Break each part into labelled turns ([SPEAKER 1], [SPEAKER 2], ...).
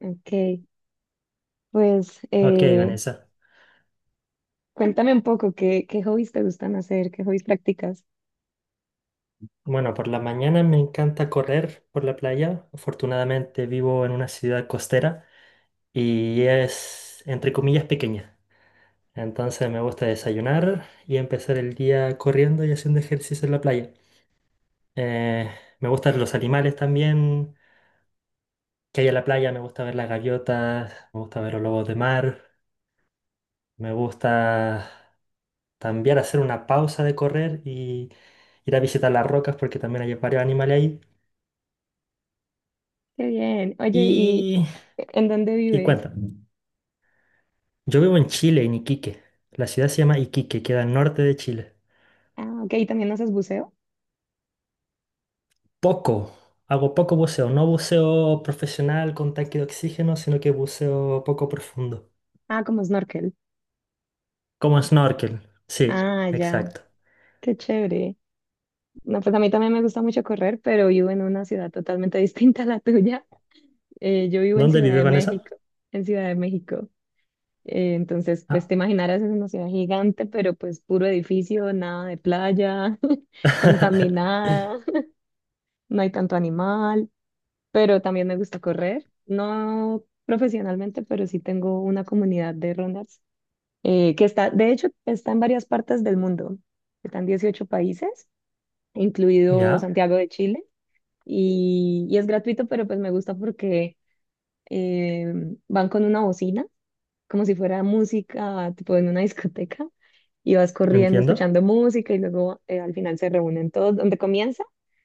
[SPEAKER 1] Ok, pues
[SPEAKER 2] Ok, Vanessa.
[SPEAKER 1] cuéntame un poco. ¿Qué hobbies te gustan hacer? ¿Qué hobbies practicas?
[SPEAKER 2] Bueno, por la mañana me encanta correr por la playa. Afortunadamente vivo en una ciudad costera y es, entre comillas, pequeña. Entonces me gusta desayunar y empezar el día corriendo y haciendo ejercicio en la playa. Eh, me gustan los animales también que hay en la playa. Me gusta ver las gaviotas, me gusta ver los lobos de mar. Me gusta también hacer una pausa de correr y ir a visitar las rocas porque también hay varios animales ahí.
[SPEAKER 1] Qué bien. Oye, ¿y
[SPEAKER 2] Y,
[SPEAKER 1] en dónde
[SPEAKER 2] y
[SPEAKER 1] vives?
[SPEAKER 2] cuéntame. Yo vivo en Chile, en Iquique. La ciudad se llama Iquique, queda al norte de Chile.
[SPEAKER 1] Ah, ok, ¿y también haces buceo?
[SPEAKER 2] Poco, hago poco buceo, no buceo profesional con tanque de oxígeno, sino que buceo poco profundo.
[SPEAKER 1] Ah, como snorkel.
[SPEAKER 2] Como snorkel, sí,
[SPEAKER 1] Ah, ya,
[SPEAKER 2] exacto.
[SPEAKER 1] qué chévere. No, pues a mí también me gusta mucho correr, pero vivo en una ciudad totalmente distinta a la tuya. Yo vivo en
[SPEAKER 2] ¿Dónde
[SPEAKER 1] Ciudad
[SPEAKER 2] vive
[SPEAKER 1] de
[SPEAKER 2] Vanessa?
[SPEAKER 1] México, en Ciudad de México. Entonces, pues
[SPEAKER 2] Ah.
[SPEAKER 1] te imaginarás, es una ciudad gigante, pero pues puro edificio, nada de playa, contaminada, no hay tanto animal. Pero también me gusta correr, no profesionalmente, pero sí tengo una comunidad de runners, que está, de hecho, está en varias partes del mundo, están 18 países, incluido
[SPEAKER 2] Ya,
[SPEAKER 1] Santiago de Chile, y, es gratuito, pero pues me gusta porque eh, van con una bocina, como si fuera música, tipo en una discoteca, y vas corriendo
[SPEAKER 2] entiendo.
[SPEAKER 1] escuchando música y luego al final se reúnen todos. Donde comienza,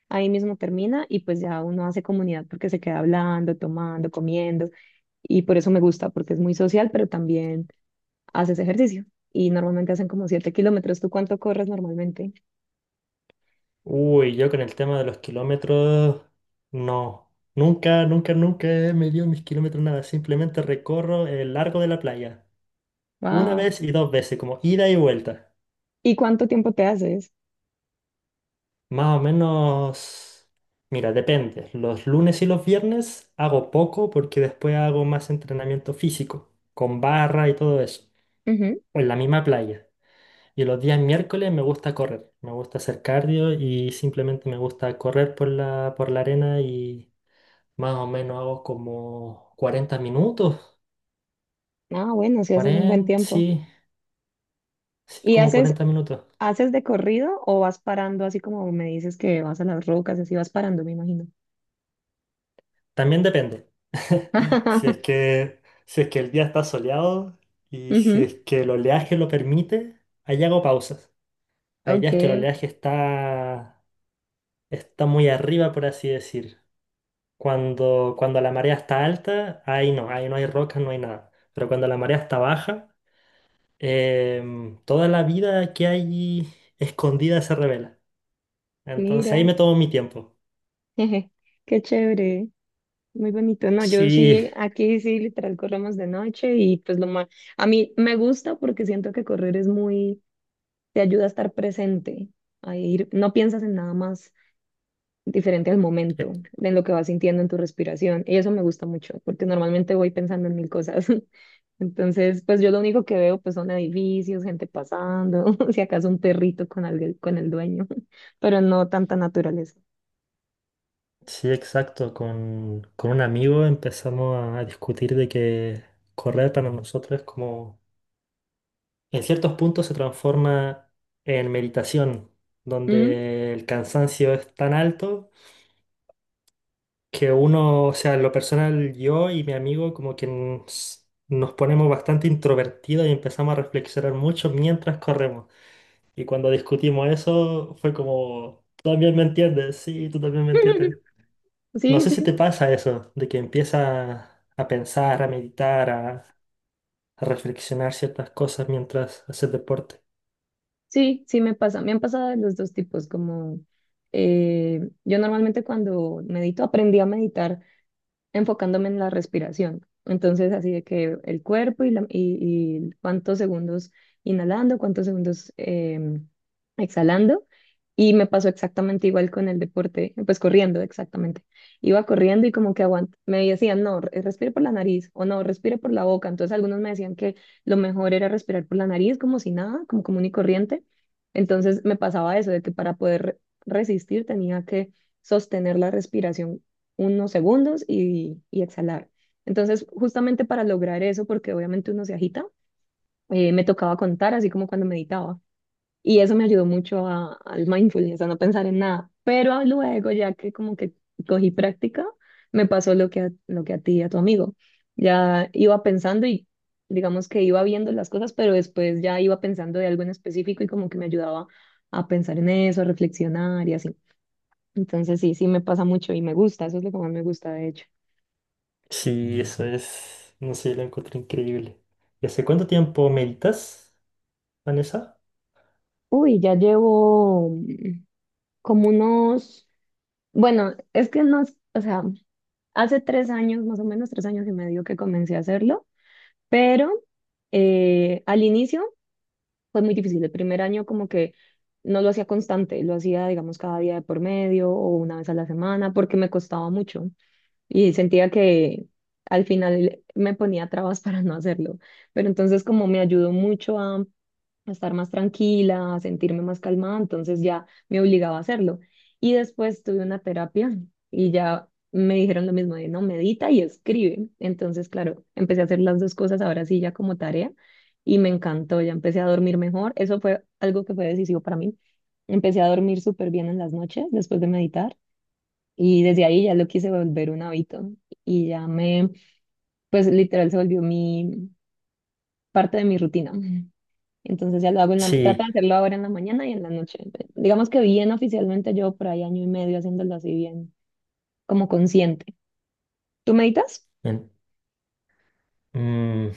[SPEAKER 1] ahí mismo termina y pues ya uno hace comunidad porque se queda hablando, tomando, comiendo y por eso me gusta porque es muy social, pero también haces ejercicio y normalmente hacen como 7 kilómetros. ¿Tú cuánto corres normalmente?
[SPEAKER 2] Uy, yo con el tema de los kilómetros, no. Nunca, nunca, nunca he medido mis kilómetros, nada. Simplemente recorro el largo de la playa. Una
[SPEAKER 1] Wow.
[SPEAKER 2] vez y dos veces, como ida y vuelta.
[SPEAKER 1] ¿Y cuánto tiempo te haces?
[SPEAKER 2] Más o menos, mira, depende. Los lunes y los viernes hago poco porque después hago más entrenamiento físico, con barra y todo eso,
[SPEAKER 1] Ujú.
[SPEAKER 2] o en la misma playa. Y los días miércoles me gusta correr, me gusta hacer cardio y simplemente me gusta correr por la arena y más o menos hago como 40 minutos,
[SPEAKER 1] Ah, bueno, si haces un buen
[SPEAKER 2] 40
[SPEAKER 1] tiempo.
[SPEAKER 2] sí, sí,
[SPEAKER 1] ¿Y
[SPEAKER 2] como
[SPEAKER 1] haces,
[SPEAKER 2] 40 minutos.
[SPEAKER 1] de corrido o vas parando así como me dices que vas a las rocas, así vas parando, me imagino?
[SPEAKER 2] También depende. Si es que, si es que el día está soleado y si
[SPEAKER 1] Ujú.
[SPEAKER 2] es que el oleaje lo permite, ahí hago pausas. Hay
[SPEAKER 1] Ok.
[SPEAKER 2] días que el oleaje está, está muy arriba, por así decir. Cuando la marea está alta, ahí no hay rocas, no hay nada. Pero cuando la marea está baja, toda la vida que hay escondida se revela. Entonces
[SPEAKER 1] Mira,
[SPEAKER 2] ahí me tomo mi tiempo.
[SPEAKER 1] jeje, qué chévere, muy bonito. No, yo
[SPEAKER 2] Sí,
[SPEAKER 1] sí, aquí sí, literal, corremos de noche y pues lo más, a mí me gusta porque siento que correr es muy, te ayuda a estar presente, a ir, no piensas en nada más diferente al momento, en lo que vas sintiendo en tu respiración. Y eso me gusta mucho porque normalmente voy pensando en mil cosas. Entonces, pues yo lo único que veo pues son edificios, gente pasando, si acaso un perrito con alguien, con el dueño, pero no tanta naturaleza.
[SPEAKER 2] sí, exacto. Con un amigo empezamos a discutir de que correr para nosotros es como, en ciertos puntos se transforma en meditación,
[SPEAKER 1] ¿Mm?
[SPEAKER 2] donde el cansancio es tan alto que uno, o sea, en lo personal, yo y mi amigo como que nos ponemos bastante introvertidos y empezamos a reflexionar mucho mientras corremos. Y cuando discutimos eso, fue como, tú también me entiendes, sí, tú también me entiendes. No
[SPEAKER 1] Sí,
[SPEAKER 2] sé si
[SPEAKER 1] sí,
[SPEAKER 2] te pasa eso, de que empiezas a pensar, a meditar, a reflexionar ciertas cosas mientras haces deporte.
[SPEAKER 1] sí, sí, me pasa. Me han pasado de los dos tipos, como yo normalmente cuando medito, aprendí a meditar enfocándome en la respiración. Entonces, así de que el cuerpo y cuántos segundos inhalando, cuántos segundos exhalando. Y me pasó exactamente igual con el deporte, pues corriendo, exactamente. Iba corriendo y como que aguant me decían, no, respire por la nariz o no, respire por la boca. Entonces algunos me decían que lo mejor era respirar por la nariz como si nada, como común y corriente. Entonces me pasaba eso, de que para poder resistir tenía que sostener la respiración unos segundos y exhalar. Entonces, justamente para lograr eso, porque obviamente uno se agita, me tocaba contar, así como cuando meditaba. Y eso me ayudó mucho al mindfulness, a no pensar en nada. Pero luego, ya que como que cogí práctica, me pasó lo que a ti y a tu amigo. Ya iba pensando y digamos que iba viendo las cosas, pero después ya iba pensando de algo en específico y como que me ayudaba a pensar en eso, a reflexionar y así. Entonces sí, sí me pasa mucho y me gusta, eso es lo que más me gusta de hecho.
[SPEAKER 2] Sí, eso es, no sé, lo encuentro increíble. ¿Y hace cuánto tiempo meditas, Vanessa?
[SPEAKER 1] Uy, ya llevo como unos, bueno, es que no, o sea, hace 3 años, más o menos 3 años y medio que comencé a hacerlo, pero al inicio fue muy difícil. El primer año como que no lo hacía constante, lo hacía, digamos, cada día de por medio o una vez a la semana porque me costaba mucho y sentía que al final me ponía trabas para no hacerlo. Pero entonces como me ayudó mucho a estar más tranquila, a sentirme más calmada, entonces ya me obligaba a hacerlo. Y después tuve una terapia y ya me dijeron lo mismo de no, medita y escribe. Entonces, claro, empecé a hacer las dos cosas ahora sí ya como tarea y me encantó, ya empecé a dormir mejor. Eso fue algo que fue decisivo para mí. Empecé a dormir súper bien en las noches después de meditar y desde ahí ya lo quise volver un hábito y ya me, pues literal se volvió mi, parte de mi rutina. Entonces ya lo hago en la, trato de
[SPEAKER 2] Sí,
[SPEAKER 1] hacerlo ahora en la mañana y en la noche. Digamos que bien oficialmente yo por ahí 1 año y medio haciéndolo así bien, como consciente. ¿Tú meditas?
[SPEAKER 2] en- mm,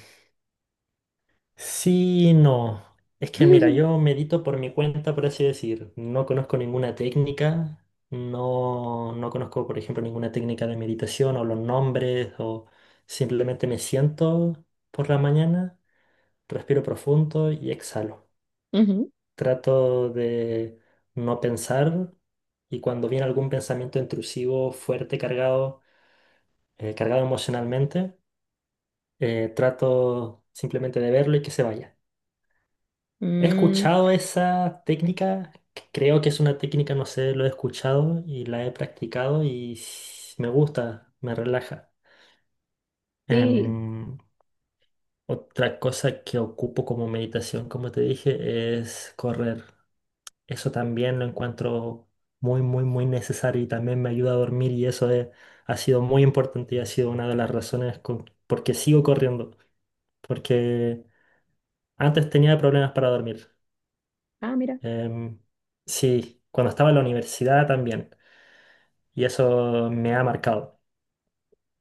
[SPEAKER 2] Sí, no. Es que mira, yo medito por mi cuenta, por así decir. No conozco ninguna técnica, no, no conozco, por ejemplo, ninguna técnica de meditación o los nombres, o simplemente me siento por la mañana, respiro profundo y exhalo.
[SPEAKER 1] Ujú.
[SPEAKER 2] Trato de no pensar y cuando viene algún pensamiento intrusivo, fuerte, cargado, cargado emocionalmente, trato simplemente de verlo y que se vaya. He
[SPEAKER 1] Mm,
[SPEAKER 2] escuchado esa técnica, c- creo que es una técnica, no sé, lo he escuchado y la he practicado y s- me gusta, me relaja.
[SPEAKER 1] sí.
[SPEAKER 2] Em, otra cosa que ocupo como meditación, como te dije, es correr. Eso también lo encuentro muy, muy, muy necesario y también me ayuda a dormir y ha sido muy importante y ha sido una de las razones por qué sigo corriendo, porque antes tenía problemas para dormir.
[SPEAKER 1] Ah, mira.
[SPEAKER 2] Em, sí, cuando estaba en la universidad también. Y eso me ha marcado.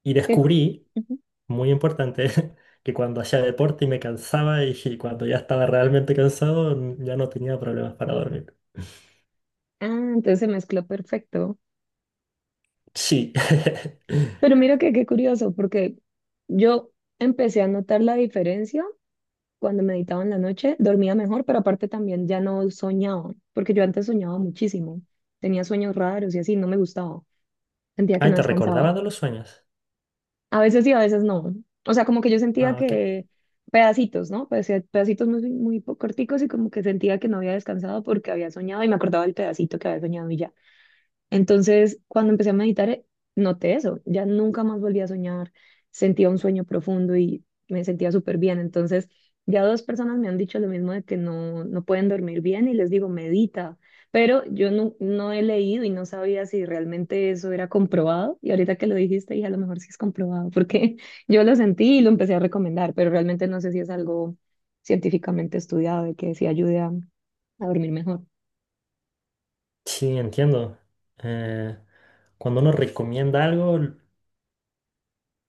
[SPEAKER 2] Y
[SPEAKER 1] qué cu-
[SPEAKER 2] descubrí,
[SPEAKER 1] ujú.
[SPEAKER 2] muy importante, que cuando hacía deporte y me cansaba y cuando ya estaba realmente cansado, n- ya no tenía problemas para dormir.
[SPEAKER 1] Ah, entonces se mezcló perfecto.
[SPEAKER 2] Sí.
[SPEAKER 1] Pero mira que qué curioso, porque yo empecé a notar la diferencia cuando meditaba en la noche, dormía mejor, pero aparte también ya no soñaba, porque yo antes soñaba muchísimo. Tenía sueños raros y así, no me gustaba. Sentía que
[SPEAKER 2] Ay,
[SPEAKER 1] no
[SPEAKER 2] ¿te
[SPEAKER 1] descansaba.
[SPEAKER 2] recordabas de los sueños?
[SPEAKER 1] A veces sí, a veces no. O sea, como que yo sentía
[SPEAKER 2] Ah, ok.
[SPEAKER 1] que pedacitos, ¿no? Pedacitos muy, muy corticos y como que sentía que no había descansado porque había soñado y me acordaba del pedacito que había soñado y ya. Entonces, cuando empecé a meditar, noté eso. Ya nunca más volví a soñar. Sentía un sueño profundo y me sentía súper bien. Entonces, ya dos personas me han dicho lo mismo de que no, no pueden dormir bien y les digo, medita. Pero yo no, no he leído y no sabía si realmente eso era comprobado. Y ahorita que lo dijiste, dije, a lo mejor sí es comprobado, porque yo lo sentí y lo empecé a recomendar, pero realmente no sé si es algo científicamente estudiado de que sí ayude a dormir mejor.
[SPEAKER 2] Sí, entiendo. Eh, cuando uno recomienda algo,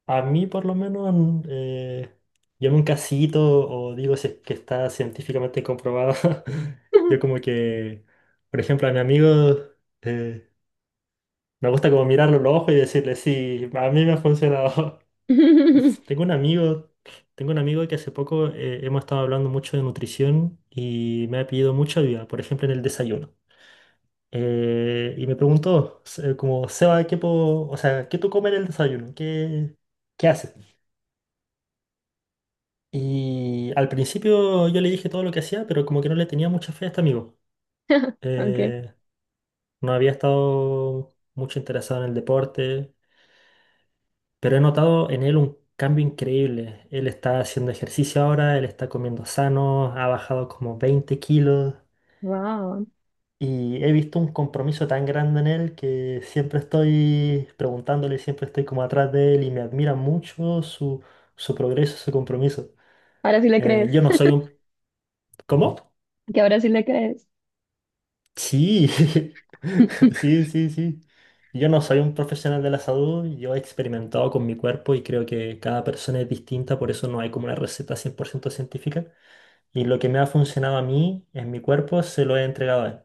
[SPEAKER 2] a mí por lo menos llamo un casito o digo si es que está científicamente comprobado. Yo como que, por ejemplo, a mi amigo eh, me gusta como mirarlo en los ojos y decirle, sí, a mí me ha funcionado. Tengo un amigo, tengo un amigo que hace poco hemos estado hablando mucho de nutrición y me ha pedido mucha ayuda, por ejemplo, en el desayuno. Y me preguntó, como, Seba, ¿qué puedo, o sea, qué tú comes en el desayuno? ¿Qué, qué haces? Y al principio yo le dije todo lo que hacía, pero como que no le tenía mucha fe a este amigo.
[SPEAKER 1] Ok.
[SPEAKER 2] Eh, no había estado mucho interesado en el deporte, pero he notado en él un cambio increíble. Él está haciendo ejercicio ahora, él está comiendo sano, ha bajado como 20 kilos
[SPEAKER 1] Wow.
[SPEAKER 2] y he visto un compromiso tan grande en él que siempre estoy preguntándole, siempre estoy como atrás de él y me admira mucho su progreso, su compromiso.
[SPEAKER 1] Ahora sí le crees,
[SPEAKER 2] Yo no soy un... ¿Cómo?
[SPEAKER 1] que ahora sí le crees.
[SPEAKER 2] Sí, sí, sí, sí. Yo no soy un profesional de la salud, yo he experimentado con mi cuerpo y creo que cada persona es distinta, por eso no hay como una receta 100% científica. Y lo que me ha funcionado a mí en mi cuerpo se lo he entregado a él.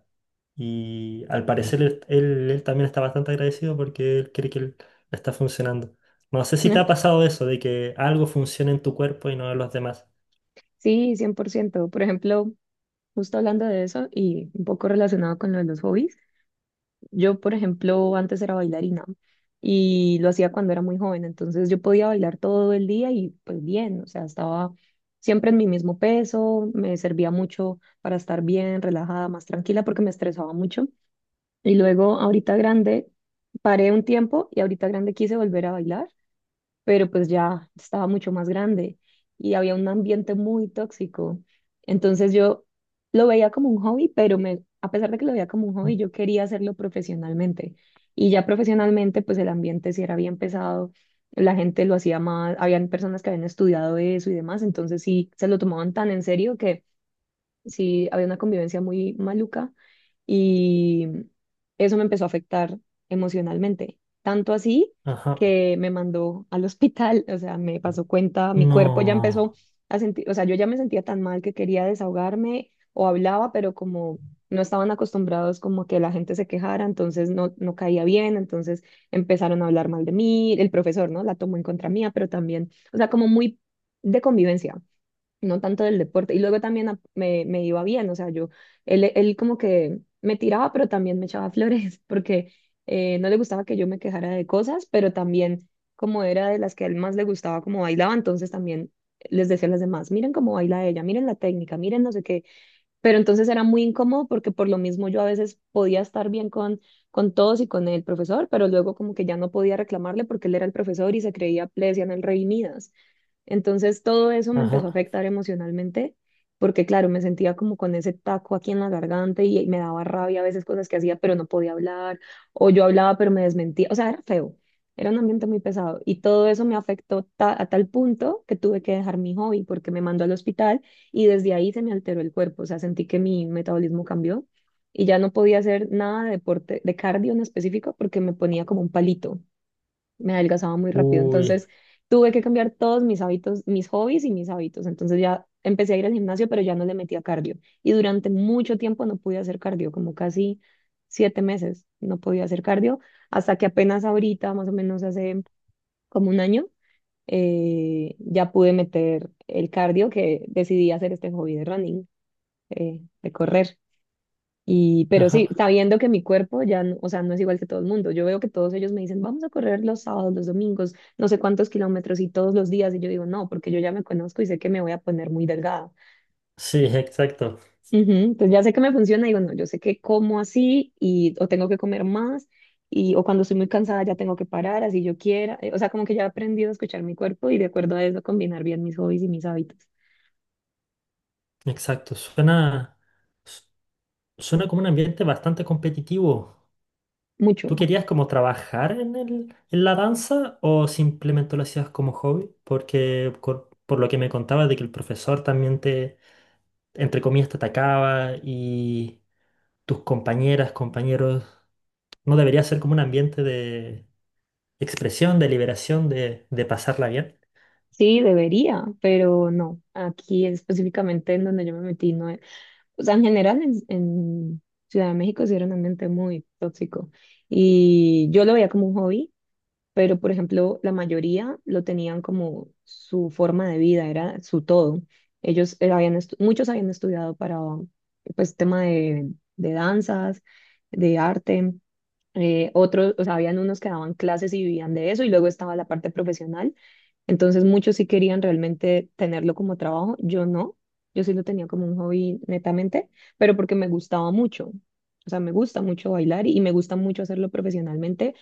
[SPEAKER 2] Y al parecer él también está bastante agradecido porque él cree que él le está funcionando. No sé si te ha pasado eso, de que algo funcione en tu cuerpo y no en los demás.
[SPEAKER 1] Sí, 100%. Por ciento. Por ejemplo, justo hablando de eso y un poco relacionado con lo de los hobbies, yo, por ejemplo, antes era bailarina y lo hacía cuando era muy joven, entonces yo podía bailar todo el día y pues bien, o sea, estaba siempre en mi mismo peso, me servía mucho para estar bien, relajada, más tranquila porque me estresaba mucho. Y luego, ahorita grande, paré un tiempo y ahorita grande quise volver a bailar pero pues ya estaba mucho más grande y había un ambiente muy tóxico. Entonces yo lo veía como un hobby, pero me, a pesar de que lo veía como un hobby, yo quería hacerlo profesionalmente. Y ya profesionalmente, pues el ambiente sí era bien pesado, la gente lo hacía más, habían personas que habían estudiado eso y demás, entonces sí se lo tomaban tan en serio, sí había una convivencia muy maluca y eso me empezó a afectar emocionalmente, tanto así
[SPEAKER 2] Ajá.
[SPEAKER 1] que me mandó al hospital, o sea, me pasó cuenta, mi cuerpo ya
[SPEAKER 2] No.
[SPEAKER 1] empezó a sentir, o sea, yo ya me sentía tan mal que quería desahogarme o hablaba, pero como no estaban acostumbrados como que la gente se quejara, entonces no, no caía bien, entonces empezaron a hablar mal de mí, el profesor, ¿no? La tomó en contra mía, pero también, o sea, como muy de convivencia no tanto del deporte. Y luego también me iba bien, o sea, yo, él como que me tiraba, pero también me echaba flores, porque no le gustaba que yo me quejara de cosas, pero también como era de las que a él más le gustaba como bailaba, entonces también les decía a las demás, miren cómo baila ella, miren la técnica, miren no sé qué. Pero entonces era muy incómodo porque por lo mismo yo a veces podía estar bien con todos y con el profesor, pero luego como que ya no podía reclamarle porque él era el profesor y se creía, le decían el rey Midas. Entonces todo eso me empezó a
[SPEAKER 2] Ajá.
[SPEAKER 1] afectar emocionalmente, porque claro, me sentía como con ese taco aquí en la garganta y me daba rabia a veces cosas que hacía, pero no podía hablar, o yo hablaba pero me desmentía, o sea, era feo, era un ambiente muy pesado y todo eso me afectó a tal punto que tuve que dejar mi hobby porque me mandó al hospital y desde ahí se me alteró el cuerpo, o sea, sentí que mi metabolismo cambió. Y ya no podía hacer nada de deporte, de cardio en específico, porque me ponía como un palito, me adelgazaba muy rápido. Entonces
[SPEAKER 2] Uy.
[SPEAKER 1] tuve que cambiar todos mis hábitos, mis hobbies y mis hábitos. Entonces ya empecé a ir al gimnasio, pero ya no le metía cardio. Y durante mucho tiempo no pude hacer cardio, como casi 7 meses no podía hacer cardio, hasta que apenas ahorita, más o menos hace como un año, ya pude meter el cardio que decidí hacer este hobby de running, de correr. Y, pero sí,
[SPEAKER 2] Ajá.
[SPEAKER 1] sabiendo que mi cuerpo ya, o sea, no es igual que todo el mundo. Yo veo que todos ellos me dicen, vamos a correr los sábados, los domingos, no sé cuántos kilómetros y todos los días. Y yo digo, no, porque yo ya me conozco y sé que me voy a poner muy delgada.
[SPEAKER 2] Sí, exacto,
[SPEAKER 1] Ujú. Entonces ya sé que me funciona, digo, no, yo sé que como así y o tengo que comer más y o cuando estoy muy cansada ya tengo que parar, así yo quiera. O sea, como que ya he aprendido a escuchar mi cuerpo y de acuerdo a eso combinar bien mis hobbies y mis hábitos.
[SPEAKER 2] exacto. Suena, su- suena como un ambiente bastante competitivo.
[SPEAKER 1] Mucho.
[SPEAKER 2] ¿Tú querías como trabajar en la danza o simplemente lo hacías como hobby? Porque lo que me contabas de que el profesor también te, entre comillas, te atacaba y tus compañeras, compañeros, ¿no debería ser como un ambiente de expresión, de liberación, de pasarla bien?
[SPEAKER 1] Sí, debería, pero no. Aquí específicamente en donde yo me metí no. O sea, en general en Ciudad de México sí era un ambiente muy tóxico y yo lo veía como un hobby, pero por ejemplo la mayoría lo tenían como su forma de vida, era su todo. Ellos muchos habían estudiado para pues tema de danzas, de arte, otros, o sea, habían unos que daban clases y vivían de eso y luego estaba la parte profesional, entonces muchos sí querían realmente tenerlo como trabajo, yo no, yo sí lo tenía como un hobby netamente, pero porque me gustaba mucho. O sea, me gusta mucho bailar y me gusta mucho hacerlo profesionalmente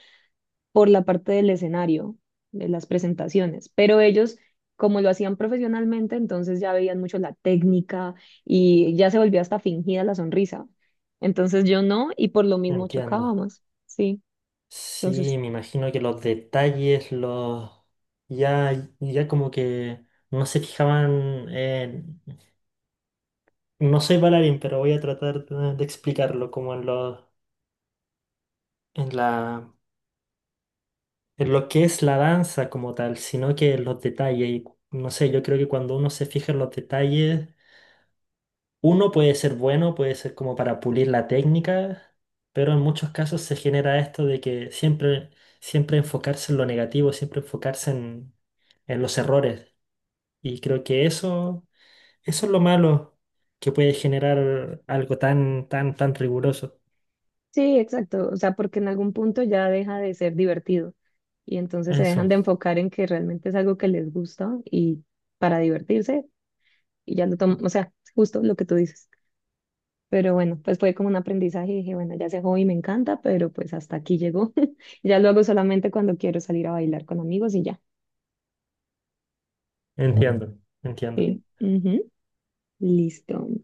[SPEAKER 1] por la parte del escenario, de las presentaciones. Pero ellos, como lo hacían profesionalmente, entonces ya veían mucho la técnica y ya se volvía hasta fingida la sonrisa. Entonces yo no, y por lo mismo
[SPEAKER 2] Entiendo.
[SPEAKER 1] chocábamos, sí.
[SPEAKER 2] Sí,
[SPEAKER 1] Entonces
[SPEAKER 2] me imagino que los detalles, ya, ya como que no se fijaban en... No soy bailarín, pero voy a tratar de explicarlo como en la, en lo que es la danza como tal, sino que en los detalles. Y no sé, yo creo que cuando uno se fija en los detalles, uno puede ser bueno, puede ser como para pulir la técnica, pero en muchos casos se genera esto de que siempre enfocarse en lo negativo, siempre enfocarse en los errores. Y creo que eso es lo malo que puede generar algo tan, tan, tan riguroso.
[SPEAKER 1] Sí, exacto. O sea, porque en algún punto ya deja de ser divertido y entonces se dejan
[SPEAKER 2] Eso,
[SPEAKER 1] de enfocar en que realmente es algo que les gusta y para divertirse y ya lo toman, o sea, justo lo que tú dices. Pero bueno, pues fue como un aprendizaje y dije, bueno, ya ese hobby me encanta, pero pues hasta aquí llegó. Ya lo hago solamente cuando quiero salir a bailar con amigos y ya.
[SPEAKER 2] entiendo, entiendo.
[SPEAKER 1] Sí. Ujú. Listo.